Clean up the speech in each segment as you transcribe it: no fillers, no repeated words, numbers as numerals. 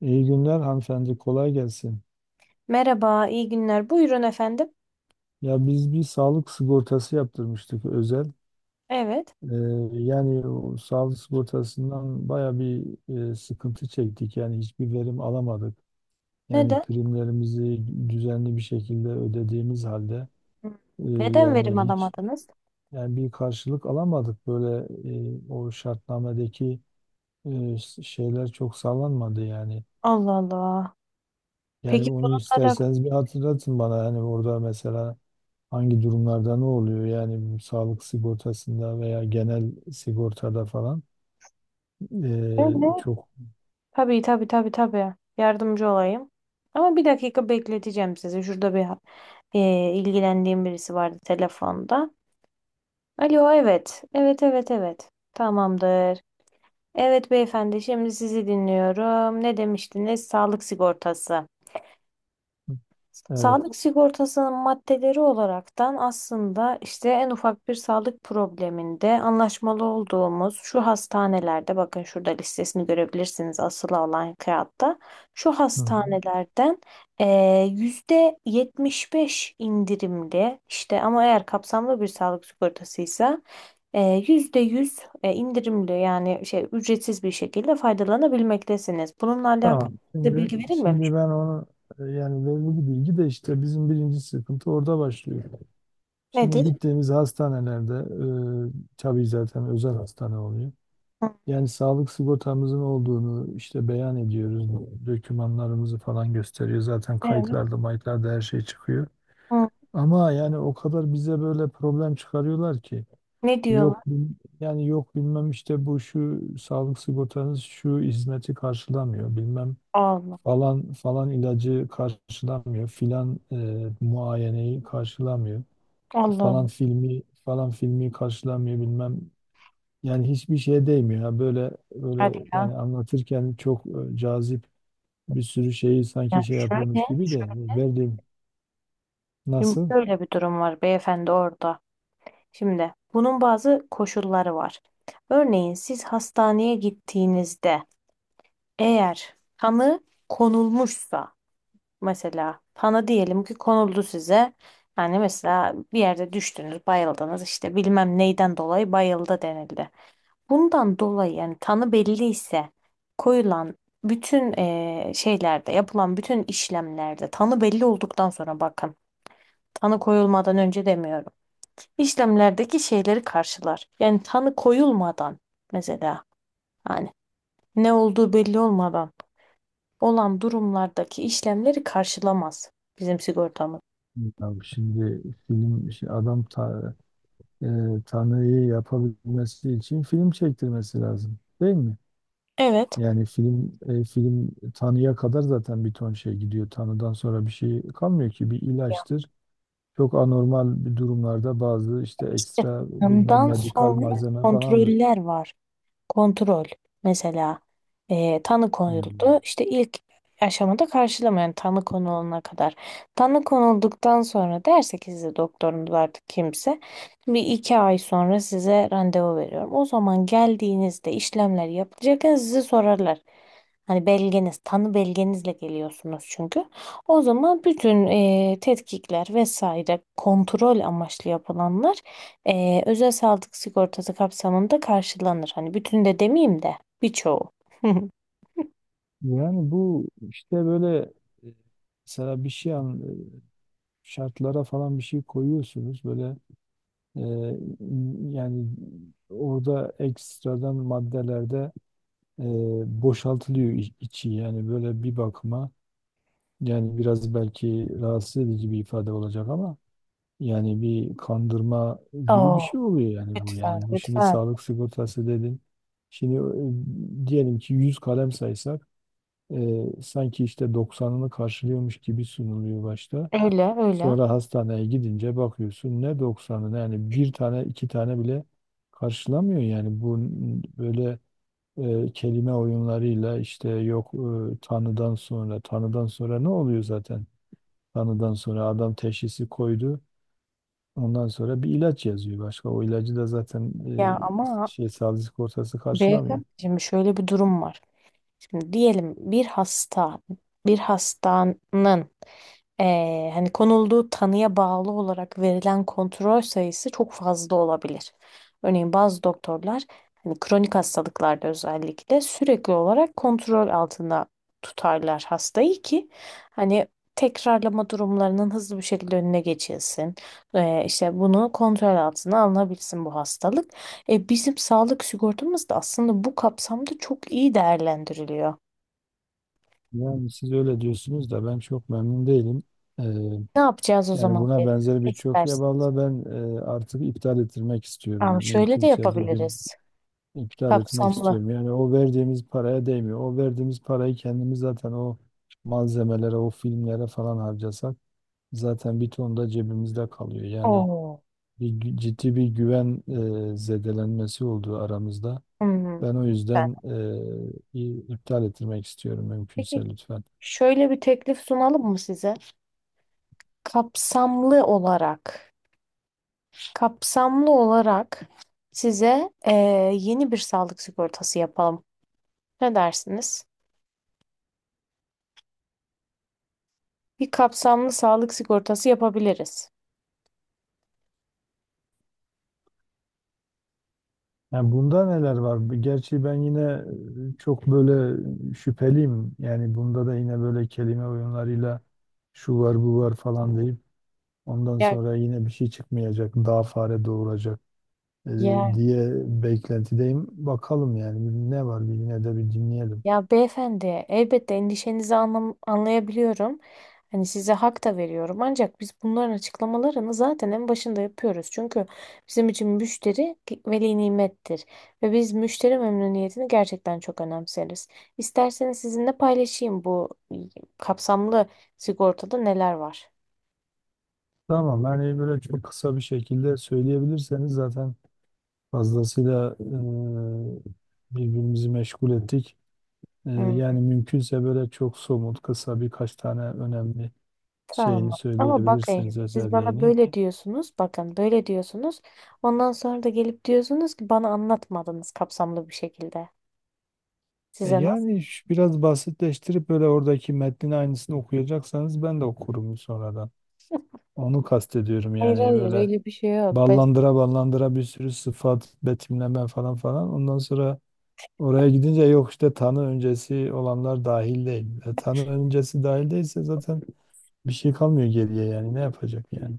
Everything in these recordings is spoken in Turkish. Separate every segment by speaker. Speaker 1: İyi günler hanımefendi, kolay gelsin.
Speaker 2: Merhaba, iyi günler. Buyurun efendim.
Speaker 1: Ya biz bir sağlık sigortası yaptırmıştık özel.
Speaker 2: Evet.
Speaker 1: Ee, yani o sağlık sigortasından baya bir sıkıntı çektik. Yani hiçbir verim alamadık. Yani
Speaker 2: Neden?
Speaker 1: primlerimizi düzenli bir şekilde ödediğimiz halde,
Speaker 2: Hı. Neden verim
Speaker 1: yani hiç,
Speaker 2: alamadınız?
Speaker 1: yani bir karşılık alamadık. Böyle o şartnamedeki e, şeyler çok sağlanmadı yani.
Speaker 2: Allah Allah.
Speaker 1: Yani
Speaker 2: Peki
Speaker 1: onu
Speaker 2: bununla
Speaker 1: isterseniz bir hatırlatın bana. Yani orada mesela hangi durumlarda ne oluyor yani, bu sağlık sigortasında veya genel sigortada falan
Speaker 2: alakalı ne?
Speaker 1: çok.
Speaker 2: Tabii tabii tabii tabii. Yardımcı olayım. Ama bir dakika bekleteceğim sizi. Şurada bir ilgilendiğim birisi vardı telefonda. Alo, evet. Evet, evet, evet. Tamamdır. Evet beyefendi, şimdi sizi dinliyorum. Ne demiştiniz? Sağlık sigortası.
Speaker 1: Evet.
Speaker 2: Sağlık sigortasının maddeleri olaraktan aslında işte en ufak bir sağlık probleminde anlaşmalı olduğumuz şu hastanelerde bakın şurada listesini görebilirsiniz asılı olan kağıtta şu
Speaker 1: Hı hı.
Speaker 2: hastanelerden %75 indirimli işte ama eğer kapsamlı bir sağlık sigortasıysa %100 indirimli yani şey ücretsiz bir şekilde faydalanabilmektesiniz. Bununla alakalı
Speaker 1: Tamam.
Speaker 2: size
Speaker 1: Şimdi
Speaker 2: bilgi
Speaker 1: şimdi
Speaker 2: verilmemiş.
Speaker 1: ben onu, yani verili bir bilgi de, işte bizim birinci sıkıntı orada başlıyor. Şimdi
Speaker 2: Nedir?
Speaker 1: gittiğimiz hastanelerde tabii zaten özel hastane oluyor.
Speaker 2: Hı.
Speaker 1: Yani sağlık sigortamızın olduğunu işte beyan ediyoruz. Dokümanlarımızı falan gösteriyor. Zaten
Speaker 2: Evet.
Speaker 1: kayıtlarda, mayıtlarda her şey çıkıyor.
Speaker 2: Hı.
Speaker 1: Ama yani o kadar bize böyle problem çıkarıyorlar ki,
Speaker 2: Ne
Speaker 1: yok
Speaker 2: diyorlar?
Speaker 1: bil- yani yok bilmem, işte bu şu sağlık sigortanız şu hizmeti karşılamıyor, bilmem
Speaker 2: Allah.
Speaker 1: falan falan ilacı karşılamıyor, filan muayeneyi karşılamıyor,
Speaker 2: Allah Allah.
Speaker 1: falan filmi falan filmi karşılamıyor, bilmem. Yani hiçbir şeye değmiyor ya, böyle böyle.
Speaker 2: Hadi ya.
Speaker 1: Yani anlatırken çok cazip, bir sürü şeyi sanki
Speaker 2: Ya
Speaker 1: şey
Speaker 2: şöyle,
Speaker 1: yapıyormuş gibi de verdiğim,
Speaker 2: şimdi
Speaker 1: nasıl?
Speaker 2: şöyle bir durum var beyefendi orada. Şimdi bunun bazı koşulları var. Örneğin siz hastaneye gittiğinizde eğer tanı konulmuşsa mesela tanı diyelim ki konuldu size. Yani mesela bir yerde düştünüz, bayıldınız işte bilmem neyden dolayı bayıldı denildi. Bundan dolayı yani tanı belli ise koyulan bütün şeylerde yapılan bütün işlemlerde tanı belli olduktan sonra bakın tanı koyulmadan önce demiyorum. İşlemlerdeki şeyleri karşılar. Yani tanı koyulmadan mesela hani ne olduğu belli olmadan olan durumlardaki işlemleri karşılamaz bizim sigortamız.
Speaker 1: Abi şimdi film şey, adam ta, e, Tanrı'yı yapabilmesi için film çektirmesi lazım değil mi?
Speaker 2: Evet.
Speaker 1: Yani film Tanrı'ya kadar zaten bir ton şey gidiyor. Tanrı'dan sonra bir şey kalmıyor ki bir
Speaker 2: Ya.
Speaker 1: ilaçtır. Çok anormal bir durumlarda bazı işte ekstra bilmem
Speaker 2: Tanıdan
Speaker 1: medikal
Speaker 2: sonra
Speaker 1: malzeme falandır.
Speaker 2: kontroller var. Kontrol. Mesela tanı
Speaker 1: Hmm.
Speaker 2: konuldu. İşte ilk aşamada karşılama yani tanı konulana kadar. Tanı konulduktan sonra derse ki size doktorunuz artık kimse bir iki ay sonra size randevu veriyorum. O zaman geldiğinizde işlemler yapılacakken sizi sorarlar. Hani belgeniz, tanı belgenizle geliyorsunuz çünkü. O zaman bütün tetkikler vesaire kontrol amaçlı yapılanlar özel sağlık sigortası kapsamında karşılanır. Hani bütün de demeyeyim de birçoğu.
Speaker 1: Yani bu işte böyle, e, mesela bir şey an, e, şartlara falan bir şey koyuyorsunuz böyle. Ee, yani orada ekstradan maddelerde boşaltılıyor içi, yani böyle bir bakıma, yani biraz belki rahatsız edici bir ifade olacak ama yani bir kandırma gibi bir
Speaker 2: Oo,
Speaker 1: şey oluyor. Yani bu,
Speaker 2: lütfen,
Speaker 1: yani bu, şimdi
Speaker 2: lütfen.
Speaker 1: sağlık sigortası dedin, şimdi diyelim ki 100 kalem saysak sanki işte 90'ını karşılıyormuş gibi sunuluyor başta.
Speaker 2: Öyle, öyle.
Speaker 1: Sonra hastaneye gidince bakıyorsun, ne doksanı, yani bir tane iki tane bile karşılamıyor. Yani bu böyle kelime oyunlarıyla, işte yok tanıdan sonra ne oluyor zaten? Tanıdan sonra adam teşhisi koydu. Ondan sonra bir ilaç yazıyor başka. O ilacı da zaten
Speaker 2: Ya ama
Speaker 1: sağlık sigortası karşılamıyor.
Speaker 2: beyefendi şimdi şöyle bir durum var. Şimdi diyelim bir hasta, bir hastanın hani konulduğu tanıya bağlı olarak verilen kontrol sayısı çok fazla olabilir. Örneğin bazı doktorlar hani kronik hastalıklarda özellikle sürekli olarak kontrol altında tutarlar hastayı ki hani tekrarlama durumlarının hızlı bir şekilde önüne geçilsin. İşte bunu kontrol altına alınabilsin bu hastalık. E, bizim sağlık sigortamız da aslında bu kapsamda çok iyi değerlendiriliyor.
Speaker 1: Yani siz öyle diyorsunuz da ben çok memnun değilim. Ee,
Speaker 2: Ne yapacağız o
Speaker 1: yani
Speaker 2: zaman?
Speaker 1: buna
Speaker 2: Ne
Speaker 1: benzer birçok, ya
Speaker 2: istersin?
Speaker 1: vallahi ben artık iptal ettirmek istiyorum.
Speaker 2: Ama şöyle de
Speaker 1: Mümkünse bugün
Speaker 2: yapabiliriz.
Speaker 1: iptal etmek
Speaker 2: Kapsamlı.
Speaker 1: istiyorum. Yani o verdiğimiz paraya değmiyor. O verdiğimiz parayı kendimiz zaten o malzemelere, o filmlere falan harcasak zaten bir ton da cebimizde kalıyor. Yani
Speaker 2: Oo.
Speaker 1: ciddi bir güven zedelenmesi olduğu aramızda.
Speaker 2: Hmm.
Speaker 1: Ben o yüzden
Speaker 2: Ben-
Speaker 1: iptal ettirmek istiyorum
Speaker 2: Peki
Speaker 1: mümkünse, lütfen.
Speaker 2: şöyle bir teklif sunalım mı size? Kapsamlı olarak, kapsamlı olarak, size yeni bir sağlık sigortası yapalım. Ne dersiniz? Bir kapsamlı sağlık sigortası yapabiliriz.
Speaker 1: Yani bunda neler var? Gerçi ben yine çok böyle şüpheliyim. Yani bunda da yine böyle kelime oyunlarıyla şu var bu var falan deyip, ondan
Speaker 2: Ya,
Speaker 1: sonra yine bir şey çıkmayacak, daha fare doğuracak e,
Speaker 2: ya
Speaker 1: diye beklentideyim. Bakalım yani, ne var, bir yine de bir dinleyelim.
Speaker 2: Ya beyefendi, elbette endişenizi anlayabiliyorum. Hani size hak da veriyorum. Ancak biz bunların açıklamalarını zaten en başında yapıyoruz. Çünkü bizim için müşteri veli nimettir. Ve biz müşteri memnuniyetini gerçekten çok önemseriz. İsterseniz sizinle paylaşayım bu kapsamlı sigortada neler var.
Speaker 1: Tamam, yani böyle çok kısa bir şekilde söyleyebilirseniz, zaten fazlasıyla birbirimizi meşgul ettik.
Speaker 2: Hmm,
Speaker 1: Yani mümkünse böyle çok somut, kısa birkaç tane önemli şeyini
Speaker 2: tamam. Ama bakın
Speaker 1: söyleyebilirseniz,
Speaker 2: siz bana
Speaker 1: özelliğini.
Speaker 2: böyle diyorsunuz. Bakın böyle diyorsunuz. Ondan sonra da gelip diyorsunuz ki bana anlatmadınız kapsamlı bir şekilde. Size nasıl?
Speaker 1: Yani biraz basitleştirip böyle, oradaki metnin aynısını okuyacaksanız ben de okurum sonradan. Onu kastediyorum,
Speaker 2: Hayır
Speaker 1: yani
Speaker 2: hayır
Speaker 1: böyle
Speaker 2: öyle bir şey yok.
Speaker 1: ballandıra ballandıra bir sürü sıfat, betimleme, falan falan. Ondan sonra oraya gidince, yok işte tanı öncesi olanlar dahil değil. Tanı öncesi dahil değilse zaten bir şey kalmıyor geriye, yani ne yapacak yani.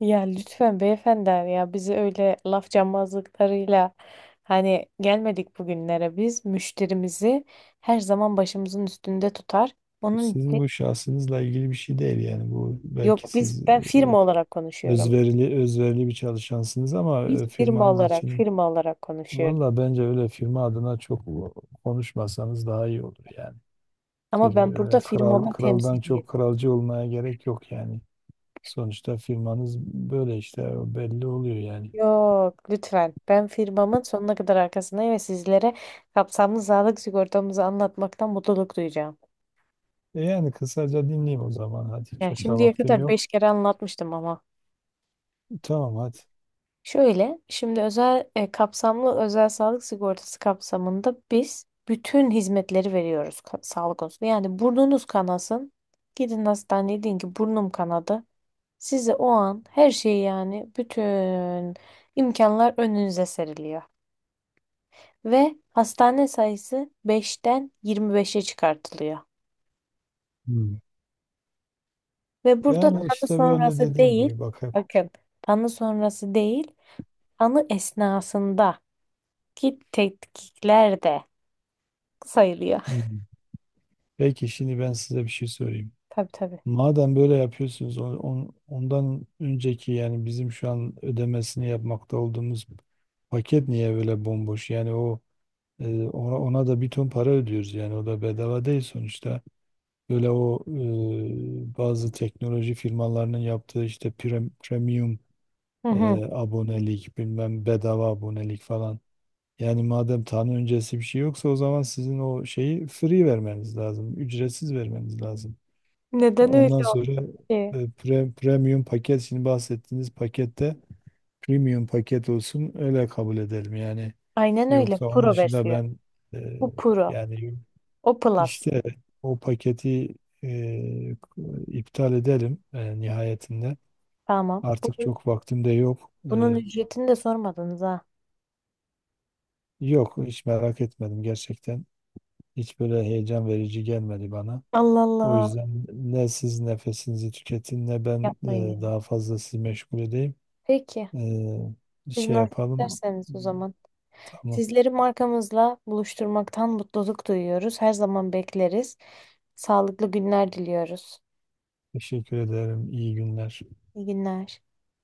Speaker 2: Ya lütfen beyefendi ya bizi öyle laf cambazlıklarıyla hani gelmedik bugünlere biz müşterimizi her zaman başımızın üstünde tutar. Onun
Speaker 1: Sizin
Speaker 2: için
Speaker 1: bu şahsınızla ilgili bir şey değil, yani bu belki
Speaker 2: yok
Speaker 1: siz
Speaker 2: ben
Speaker 1: e,
Speaker 2: firma olarak konuşuyorum.
Speaker 1: özverili özverili bir çalışansınız ama
Speaker 2: Biz firma
Speaker 1: firmanız
Speaker 2: olarak
Speaker 1: için,
Speaker 2: konuşuyorum.
Speaker 1: valla bence öyle firma adına çok konuşmasanız daha iyi olur yani.
Speaker 2: Ama
Speaker 1: Firma,
Speaker 2: ben burada
Speaker 1: kral
Speaker 2: firmamı
Speaker 1: kraldan
Speaker 2: temsiliyim.
Speaker 1: çok kralcı olmaya gerek yok yani. Sonuçta firmanız böyle, işte o belli oluyor yani.
Speaker 2: Yok lütfen ben firmamın sonuna kadar arkasındayım ve sizlere kapsamlı sağlık sigortamızı anlatmaktan mutluluk duyacağım.
Speaker 1: Yani kısaca dinleyeyim o zaman, hadi
Speaker 2: Yani
Speaker 1: çok da
Speaker 2: şimdiye
Speaker 1: vaktim
Speaker 2: kadar
Speaker 1: yok.
Speaker 2: 5 kere anlatmıştım ama.
Speaker 1: Tamam, hadi.
Speaker 2: Şöyle, şimdi özel kapsamlı özel sağlık sigortası kapsamında biz bütün hizmetleri veriyoruz sağlık konusunda. Yani burnunuz kanasın, gidin hastaneye deyin ki burnum kanadı. Size o an her şeyi yani bütün imkanlar önünüze seriliyor. Ve hastane sayısı 5'ten 25'e çıkartılıyor.
Speaker 1: Hmm.
Speaker 2: Ve burada
Speaker 1: Yani
Speaker 2: tanı
Speaker 1: işte böyle
Speaker 2: sonrası
Speaker 1: dediğim
Speaker 2: değil,
Speaker 1: gibi, bak hep.
Speaker 2: bakın tanı sonrası değil, tanı esnasında. Ki tetkikler de sayılıyor.
Speaker 1: Hı. Peki şimdi ben size bir şey sorayım.
Speaker 2: Tabii tabii.
Speaker 1: Madem böyle yapıyorsunuz, ondan önceki, yani bizim şu an ödemesini yapmakta olduğumuz paket, niye böyle bomboş? Yani o, ona da bir ton para ödüyoruz, yani o da bedava değil sonuçta. Böyle o bazı teknoloji firmalarının yaptığı işte premium
Speaker 2: Hı hı.
Speaker 1: abonelik, bilmem bedava abonelik falan. Yani madem tanı öncesi bir şey yoksa, o zaman sizin o şeyi free vermeniz lazım, ücretsiz vermeniz lazım.
Speaker 2: Neden
Speaker 1: Ondan
Speaker 2: öyle oldu
Speaker 1: sonra
Speaker 2: ki?
Speaker 1: premium paket, şimdi bahsettiğiniz pakette premium paket olsun, öyle kabul edelim yani.
Speaker 2: Aynen öyle.
Speaker 1: Yoksa onun
Speaker 2: Pro
Speaker 1: dışında
Speaker 2: versiyon.
Speaker 1: ben e,
Speaker 2: Bu Pro.
Speaker 1: yani
Speaker 2: O Plus.
Speaker 1: işte o paketi e, iptal edelim nihayetinde.
Speaker 2: Tamam.
Speaker 1: Artık çok vaktim de yok. E,
Speaker 2: Bunun ücretini de sormadınız ha.
Speaker 1: yok hiç merak etmedim gerçekten. Hiç böyle heyecan verici gelmedi bana.
Speaker 2: Allah
Speaker 1: O
Speaker 2: Allah.
Speaker 1: yüzden ne siz nefesinizi tüketin, ne ben
Speaker 2: Yapmayın. Yani.
Speaker 1: daha fazla sizi meşgul edeyim.
Speaker 2: Peki.
Speaker 1: Ee,
Speaker 2: Siz
Speaker 1: şey
Speaker 2: nasıl
Speaker 1: yapalım.
Speaker 2: isterseniz o zaman.
Speaker 1: Tamam.
Speaker 2: Sizleri markamızla buluşturmaktan mutluluk duyuyoruz. Her zaman bekleriz. Sağlıklı günler diliyoruz.
Speaker 1: Teşekkür ederim. İyi günler.
Speaker 2: İyi günler.